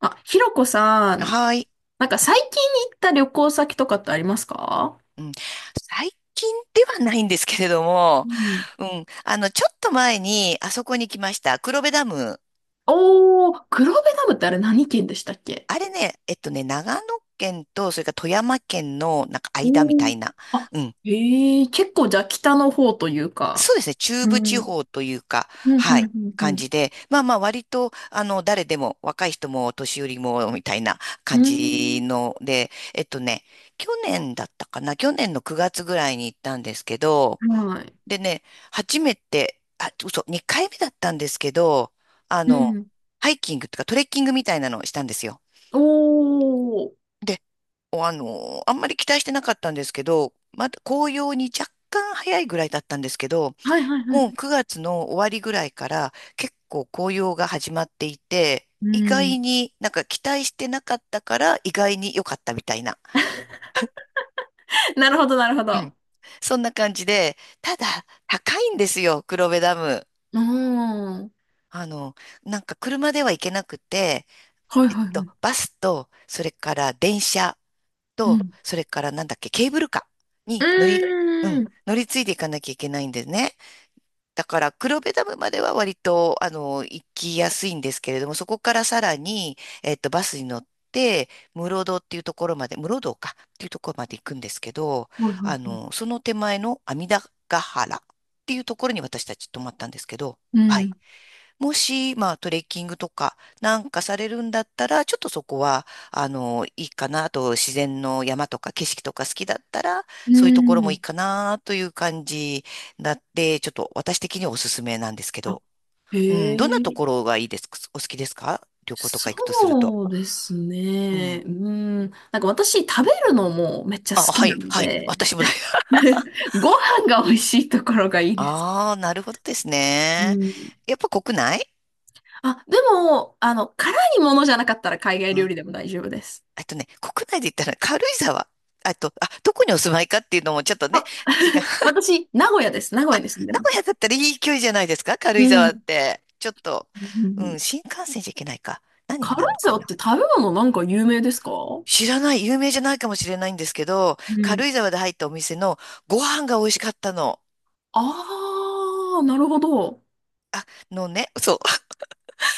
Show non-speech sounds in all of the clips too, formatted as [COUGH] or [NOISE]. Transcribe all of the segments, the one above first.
あ、ひろこさん、はい。なんか最近行った旅行先とかってありますか？うん。最近ではないんですけれども、うん。うん。ちょっと前に、あそこに来ました。黒部ダム。おー、黒部ダムってあれ何県でしたっけ？あれね、長野県と、それから富山県の、なんか間おみたー、いな。あ、うん。へえ、結構じゃあ北の方というか。そうですね。中う部ん。う地ん、方というか、はうい。ん、う感ん、じで。まあまあ、割と、誰でも、若い人も、お年寄りも、みたいなう感ん。じうので、去年だったかな。去年の9月ぐらいに行ったんですけど、ーん。はい。でね、初めて、あ、嘘、2回目だったんですけど、あうの、ん。ハイキングとかトレッキングみたいなのをしたんですよ。おー。で、おあの、あんまり期待してなかったんですけど、まだ紅葉に若干早いぐらいだったんですけど、はい、はい、はもい。う9月の終わりぐらいから結構紅葉が始まっていて、う意ん。外になんか期待してなかったから意外に良かったみたいな。[LAUGHS] なるほど、なるほうん。ど。そんな感じで、ただ高いんですよ、黒部ダム。うーん。あの、なんか車では行けなくて、はい、はい、はい。バスと、それから電車うと、ん。それからなんだっけ、ケーブルカーうに乗り、うん、ーん。乗り継いでいかなきゃいけないんですね。だから、黒部ダムまでは割と、行きやすいんですけれども、そこからさらに、バスに乗って、室堂っていうところまで、室堂かっていうところまで行くんですけど、はい、はい、はい。その手前の阿弥陀ヶ原っていうところに私たち泊まったんですけど、うはい。ん。もし、まあ、トレッキングとかなんかされるんだったら、ちょっとそこは、いいかな。あと、自然の山とか景色とか好きだったら、うそういうところもいいん。かなという感じだって、ちょっと私的にはおすすめなんですけあ、ど。へうん、どんなえ。ところがいいですかお好きですか旅行とか行くとすると。そうですうん。ね。うん。なんか私食べるのもめっちゃあ、好きはない、のはい。で、私もだよ。[LAUGHS] [LAUGHS] ご飯が美味しいところがいいです。ああ、なるほどですうね。ん。やっぱ国内あ、でも、辛いものじゃなかったら海外う料ん。理でも大丈夫です。国内で言ったら軽井沢。あと、あ、どこにお住まいかっていうのもちょっとね、あ、違う。[LAUGHS] 私、名古屋です。名古屋に住んで名ま古す。屋だったらいい距離じゃないですか軽う井ん。沢 [LAUGHS] っうんて。ちょっと、ううん、ん、新幹線じゃいけないか。何に軽な井るのか沢っなて食べ物なんか有名ですか？う知らない、有名じゃないかもしれないんですけど、軽ん。井沢で入ったお店のご飯が美味しかったの。ああ、なるほど。あ、のね、そう。[LAUGHS]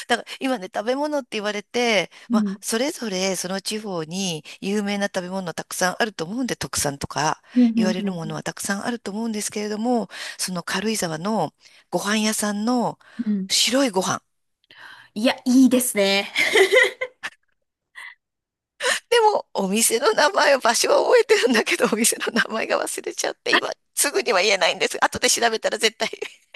だから今ね、食べ物って言われて、うまん。あ、それぞれその地方に有名な食べ物たくさんあると思うんで、特産とかうん、う言わん、れうるものん。はたくさんあると思うんですけれども、その軽井沢のご飯屋さんのうん。うん、白いご飯。いや、いいですね。[LAUGHS] でも、お店の名前を、場所は覚えてるんだけど、お店の名前が忘れちゃって、今、すぐには言えないんです。後で調べたら絶対 [LAUGHS]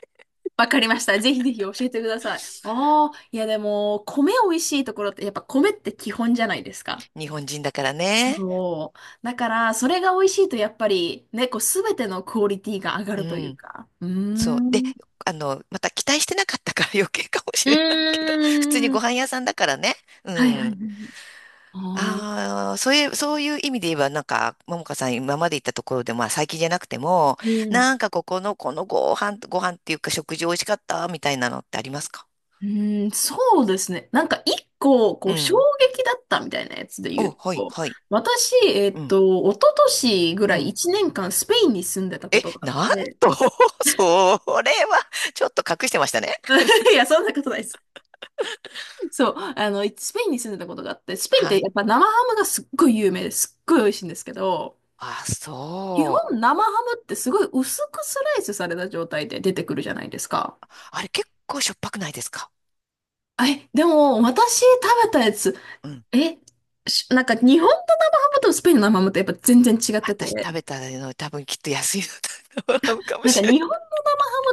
わかりました。ぜひぜひ教えてください。ああ、いやでも、米美味しいところって、やっぱ米って基本じゃないですか。日本人だからね。そう。だから、それが美味しいと、やっぱり、ね、こう、すべてのクオリティが上がうるというん。か。うーそう。で、ん。うまた期待してなかったから余計かもしーれないけど、普通にご飯ん。屋さんだからね。うはいはいん。はい。ああ、ああ、そういう意味で言えば、なんか、ももかさん今まで行ったところで、まあ最近じゃなくても、うん。なんかここの、ご飯っていうか食事美味しかったみたいなのってありますかうーん、そうですね。なんか一個、こうう、衝ん。撃だったみたいなやつで言お、うはい、と、はい。私、うん。一昨年ぐうらいん1年間スペインに住んでたこえ、とがあっなんて、と、[LAUGHS] それは、ちょっと隠してましたね。[LAUGHS] いや、そんなことないです。そう、スペインに住んでたことがあって、スペインっはてい。やっぱ生ハムがすっごい有名ですっごい美味しいんですけど、あ、基そう。本生ハムってすごい薄くスライスされた状態で出てくるじゃないですか。あれ、結構しょっぱくないですかえ、でも私食べたやつ、うん。え、なんか日本の生ハムとスペインの生ハムってやっぱ全然違ってて、私食べたの、多分きっと安いのだと思うかもなんかしれ日本な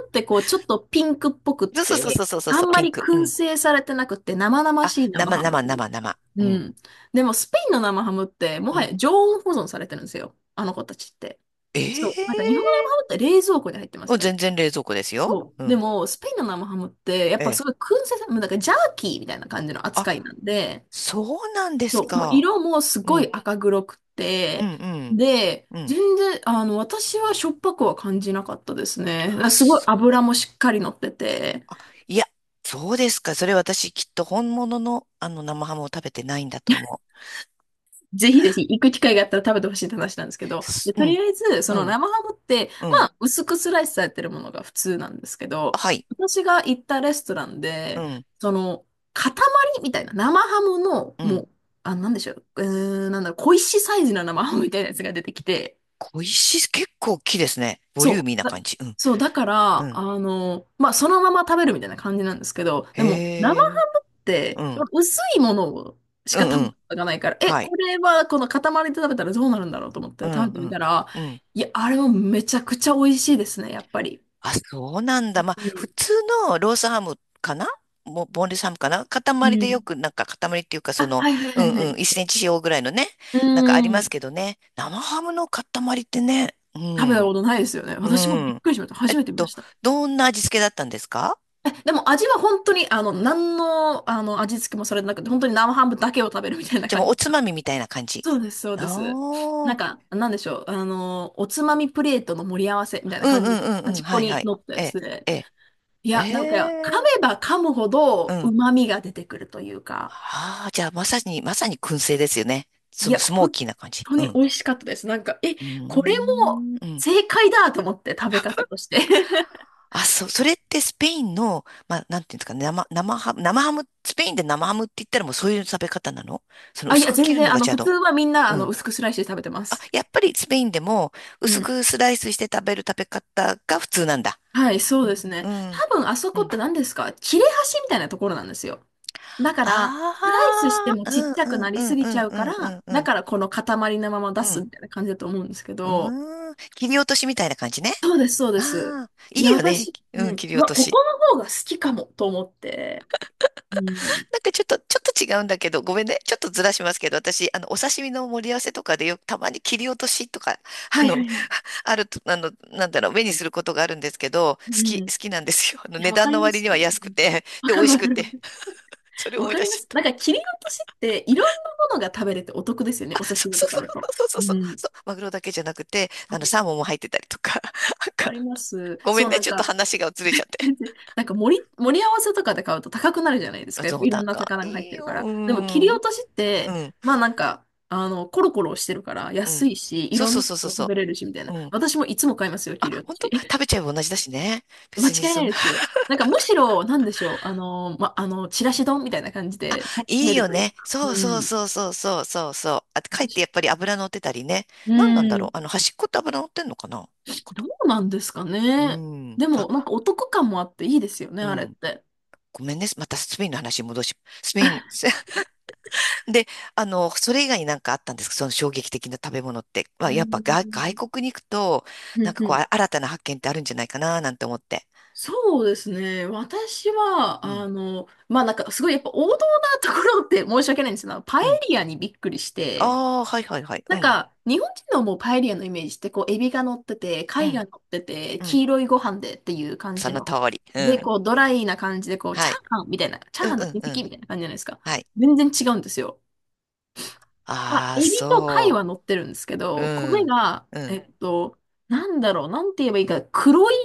ってこう、ちょっとピンクっぽくっい。そうそうそて、うそうそうあそんう、まピンりク。う燻ん。製されてなくて、生々あ、しい生ハムというか。生。ううん。ん。でも、スペインの生ハムって、もうはん。や常温保存されてるんですよ。あの子たちって。えそう。なんか日本の生えハムーって冷蔵庫に入ってまもすうよ全ね。然冷蔵庫ですよ。そうう。でん。も、スペインの生ハムって、やっえぱすごい燻え。製さ、もうなんかジャーキーみたいな感じの扱いあ、なんで、そうなんですそう、もうか。色もすうごいん。赤黒くうて、ん、うん。で、うん。全然、私はしょっぱくは感じなかったですね。あ、すごいそう油もしっかり乗ってて、いそうですか。それ私きっと本物のあの生ハムを食べてないんだと思 [LAUGHS] ぜひぜひ行く機会があったら食べてほしいって話なんですけう。ど、すで、うとりん、あえず、そうのん、生ハムって、うまん。あ、薄くスライスされてるものが普通なんですけあど、はい。私が行ったレストランうで、ん、その、塊みたいな、生ハムの、うもん。う、あ、なんでしょう、なんだろう、小石サイズの生ハムみたいなやつが出てきて、小石、結構大きいですね。ボリューそミーなう。感じ。うん、そう、だかうら、ん。まあ、そのまま食べるみたいな感じなんですけど、でも、生へハえ。ムっうて、ん、薄いものをしうか食ん、うべん。たことがないから、え、はい。これは、この塊で食べたらどうなるんだろうと思ってう食べん、てうみん、たら、うん。いや、あれもめちゃくちゃ美味しいですね、やっぱり。あ、そうなんだ。まあ、普通のロースハムかなもボンレスハムかな塊でよく、なんか塊っていうか、あ、その、はいはいうはいはんうん、い。1センチ四方ぐらいのね、うなんかーありますん。けどね。生ハムの塊ってね、う食べたん。ことないですよね。う私もびっん。くりしました。え初っめて見まと、した。どんな味付けだったんですかえ、でも味は本当に、何の、味付けもされてなくて、本当に生ハムだけを食べるみたいなじゃあ感もうおじ。つまみみたいな感じ。そうです、そうあです。なあ、んか、なんでしょう。おつまみプレートの盛り合わせみたいうなんうん感じで、うんう端ん。っこはいはにい。乗ったやええ、つで。ええ、いえや、だから噛え、めば噛むほうどん。旨味が出てくるというか、ああ、じゃあまさに、まさに燻製ですよね。いや、スモー本キーな感じ。当うにん。美味しかったです。なんか、え、うーこれもん。うん。正解だと思って、食べ方として。[LAUGHS] あ、それってスペインの、まあ、なんていうんですかね、生ハム、スペインで生ハムって言ったらもうそういう食べ方なのそのあ、い薄や、く切全るの然、がじゃあ普通の、はみんな、うん。薄くスライスで食べてまあ、す。やっぱりスペインでもう薄ん。くスライスして食べる食べ方が普通なんだ。はい、そうですうね。んうん。多分あそこって何ですか、切れ端みたいなところなんですよ。だから、スライスしあてもあ、うちっんちゃくうなんりうんすぎうちんゃううかんうら、んうだんからこの塊のまま出うすん。みたいな感じだと思うんですけうど、ん。うーん。切り落としみたいな感じね。そうです、そうです。ああ、いいや、いよね。私、ううん、ん、切りう落わ、とここし。の方が好きかもと思って。うん。なんかちょっと、ちょっと違うんだけど、ごめんね。ちょっとずらしますけど、私、お刺身の盛り合わせとかでよくたまに切り落としとか、[LAUGHS] はあいはの、いはい。[LAUGHS] あると、なんだろう、目にすることがあるんですけど、う好ん。いきなんですよ。や、値わ段かりのま割す。にうは安くん、て、わで、美か味るしわくかるわかて。る。それわ思いか出りしまちす。ゃっなんかた。切り落としっていろんなものが食べれてお得ですよね。あ、お刺そう身そとうかそだと。うそうそううそう、ん。そう、マグロだけじゃなくて、サーわモンも入ってたりとか、なんか、かります。ごめんそう、ね。なんちょっとか、話がずれちゃっ全然て。なんか盛り合わせとかで買うと高くなるじゃないですあか。やっゾぱウいろタんンなか。魚が入っいいてるかよ。ら。うでも切ん。り落としっうて、ん。まあなんか、コロコロしてるからう安ん。いし、いそうろんそうなそうそうの食そべれるしみたいう。な。うん。私もいつも買いますよ、あ、切り落と本し。当食 [LAUGHS] べちゃえば同じだしね。間別に違いなそんな、いで [LAUGHS] す。なんかむしろ、なんでしょう、あの、ま、あの、ちらし丼みたいな感じで楽しいめいるよというね。か。そううそうん。そうそうそうそうそう。あ、かえってやっぱり油乗ってたりね。う何なんだろう。ん。端っこって油乗ってんのかな端っこどと。うなんですかうね。ん。でも、なんあ、かお得感もあっていいですよね、うあれっん。て。ごめんね。またスペインの話に戻し、スペイン。[LAUGHS] で、それ以外になんかあったんですかその衝撃的な食べ物って。まあ、うやっぱ外ん。国に行くと、うなんん、かうこう、ん、あ新たな発見ってあるんじゃないかな、なんて思って。そうですね。私は、うん。まあなんかすごいやっぱ王道なところって申し訳ないんですけど、パエうん。リアにびっくりして、ああ、はいはいはい。うなんん。か日本人のもうパエリアのイメージってこうエビが乗ってて、う貝がん。乗ってて、うん。黄色いご飯でっていう感そじのの。通り。うで、ん。こうドライな感じでこうチはャい。ーハンみたいな、チャーうんハンうのん親う戚ん。みたいな感じじゃないですか。はい。全然違うんですよ。まあああ、エビと貝はそ乗ってるんですけう。うど、米ん。が、うん。なんだろう、なんて言えばいいか、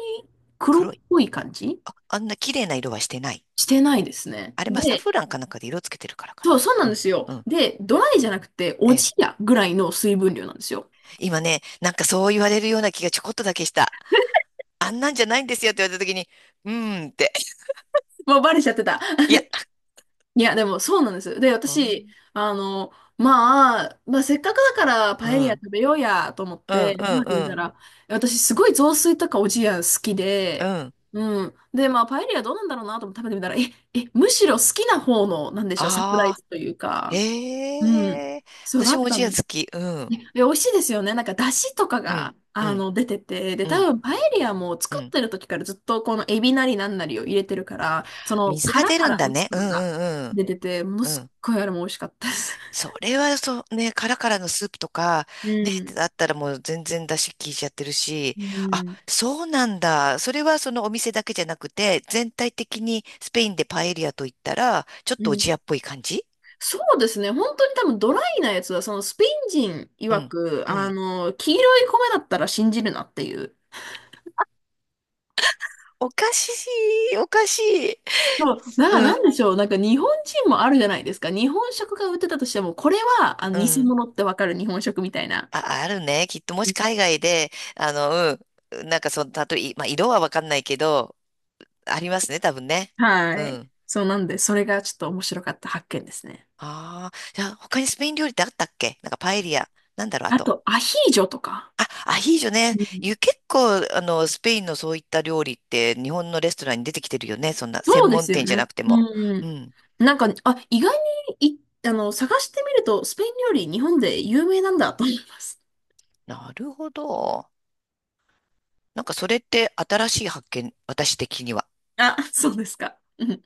黒黒っい。ぽい感じあ、あんな綺麗な色はしてない。してないですね。あれ、まあ、サで、フランかなんかで色つけてるからかそう、な。そうなうんでん。すよ。うん。で、ドライじゃなくて、えおじえ。やぐらいの水分量なんですよ。今ね、なんかそう言われるような気がちょこっとだけした。[LAUGHS] あんなんじゃないんですよって言われた時に、うーんって。もうバレちゃってた。いや。[LAUGHS] いや、でもそうなんです。で、私、あの、まあ、せっかくだからパエリア食べようやと思っうんてう食んべてみうたん。ら、私すごい雑炊とかおじや好きうんうで、ん。うんうん。で、まあ、パエリアどうなんだろうなと思って食べてみたら、え、むしろ好きな方の、なんでしょう、サプライああ、ズというか、うん。へえ。そうだ私っもおたじやの。好き。うん。ねで美味しいですよね。なんか、出汁とかうん。が、うん。出てて、で、う多ん。分、パエリアもう作っん。てる時からずっと、このエビなりなんなりを入れてるから、その、水が殻出かるんらだ出ね。汁うとかがんうん出てて、ものうん。うすっん。ごいあれも美味しかったです。それはそう、ね、カラカラのスープとか、ね、だっ [LAUGHS] たらもう全然出汁効いちゃってるし、うん。あ、うん。そうなんだ。それはそのお店だけじゃなくて、全体的にスペインでパエリアと言ったら、ちょっとうおん。じやっぽい感じそうですね。本当に多分、ドライなやつは、スペイン人う曰ん、く、うん。黄色い米だったら信じるなっていう。おかしおかしい。そう、だからうなんん、でしょう、なんか日本人もあるじゃないですか。日本食が売ってたとしても、これはあのう偽ん。物ってわかる日本食みたいな。あ、あるね。きっともし海外で、あの、うん、なんかその、たとえ、まあ、色はわかんないけど、ありますね、多分ね。うはい。ん。そうなんで、それがちょっと面白かった発見ですね。ああ、じゃあ他にスペイン料理ってあったっけなんかパエリア。なんだろう、ああと。と、アヒージョとか。あ、アヒージョね。うん、ゆ結構、スペインのそういった料理って日本のレストランに出てきてるよね。そんな専そうで門すよ店じゃなね。くても。ううん。ん。なんか、あ、意外に、い、あの、探してみると、スペイン料理、日本で有名なんだと思います。なるほど。なんかそれって新しい発見、私的には。あ、[LAUGHS] そうですか。うん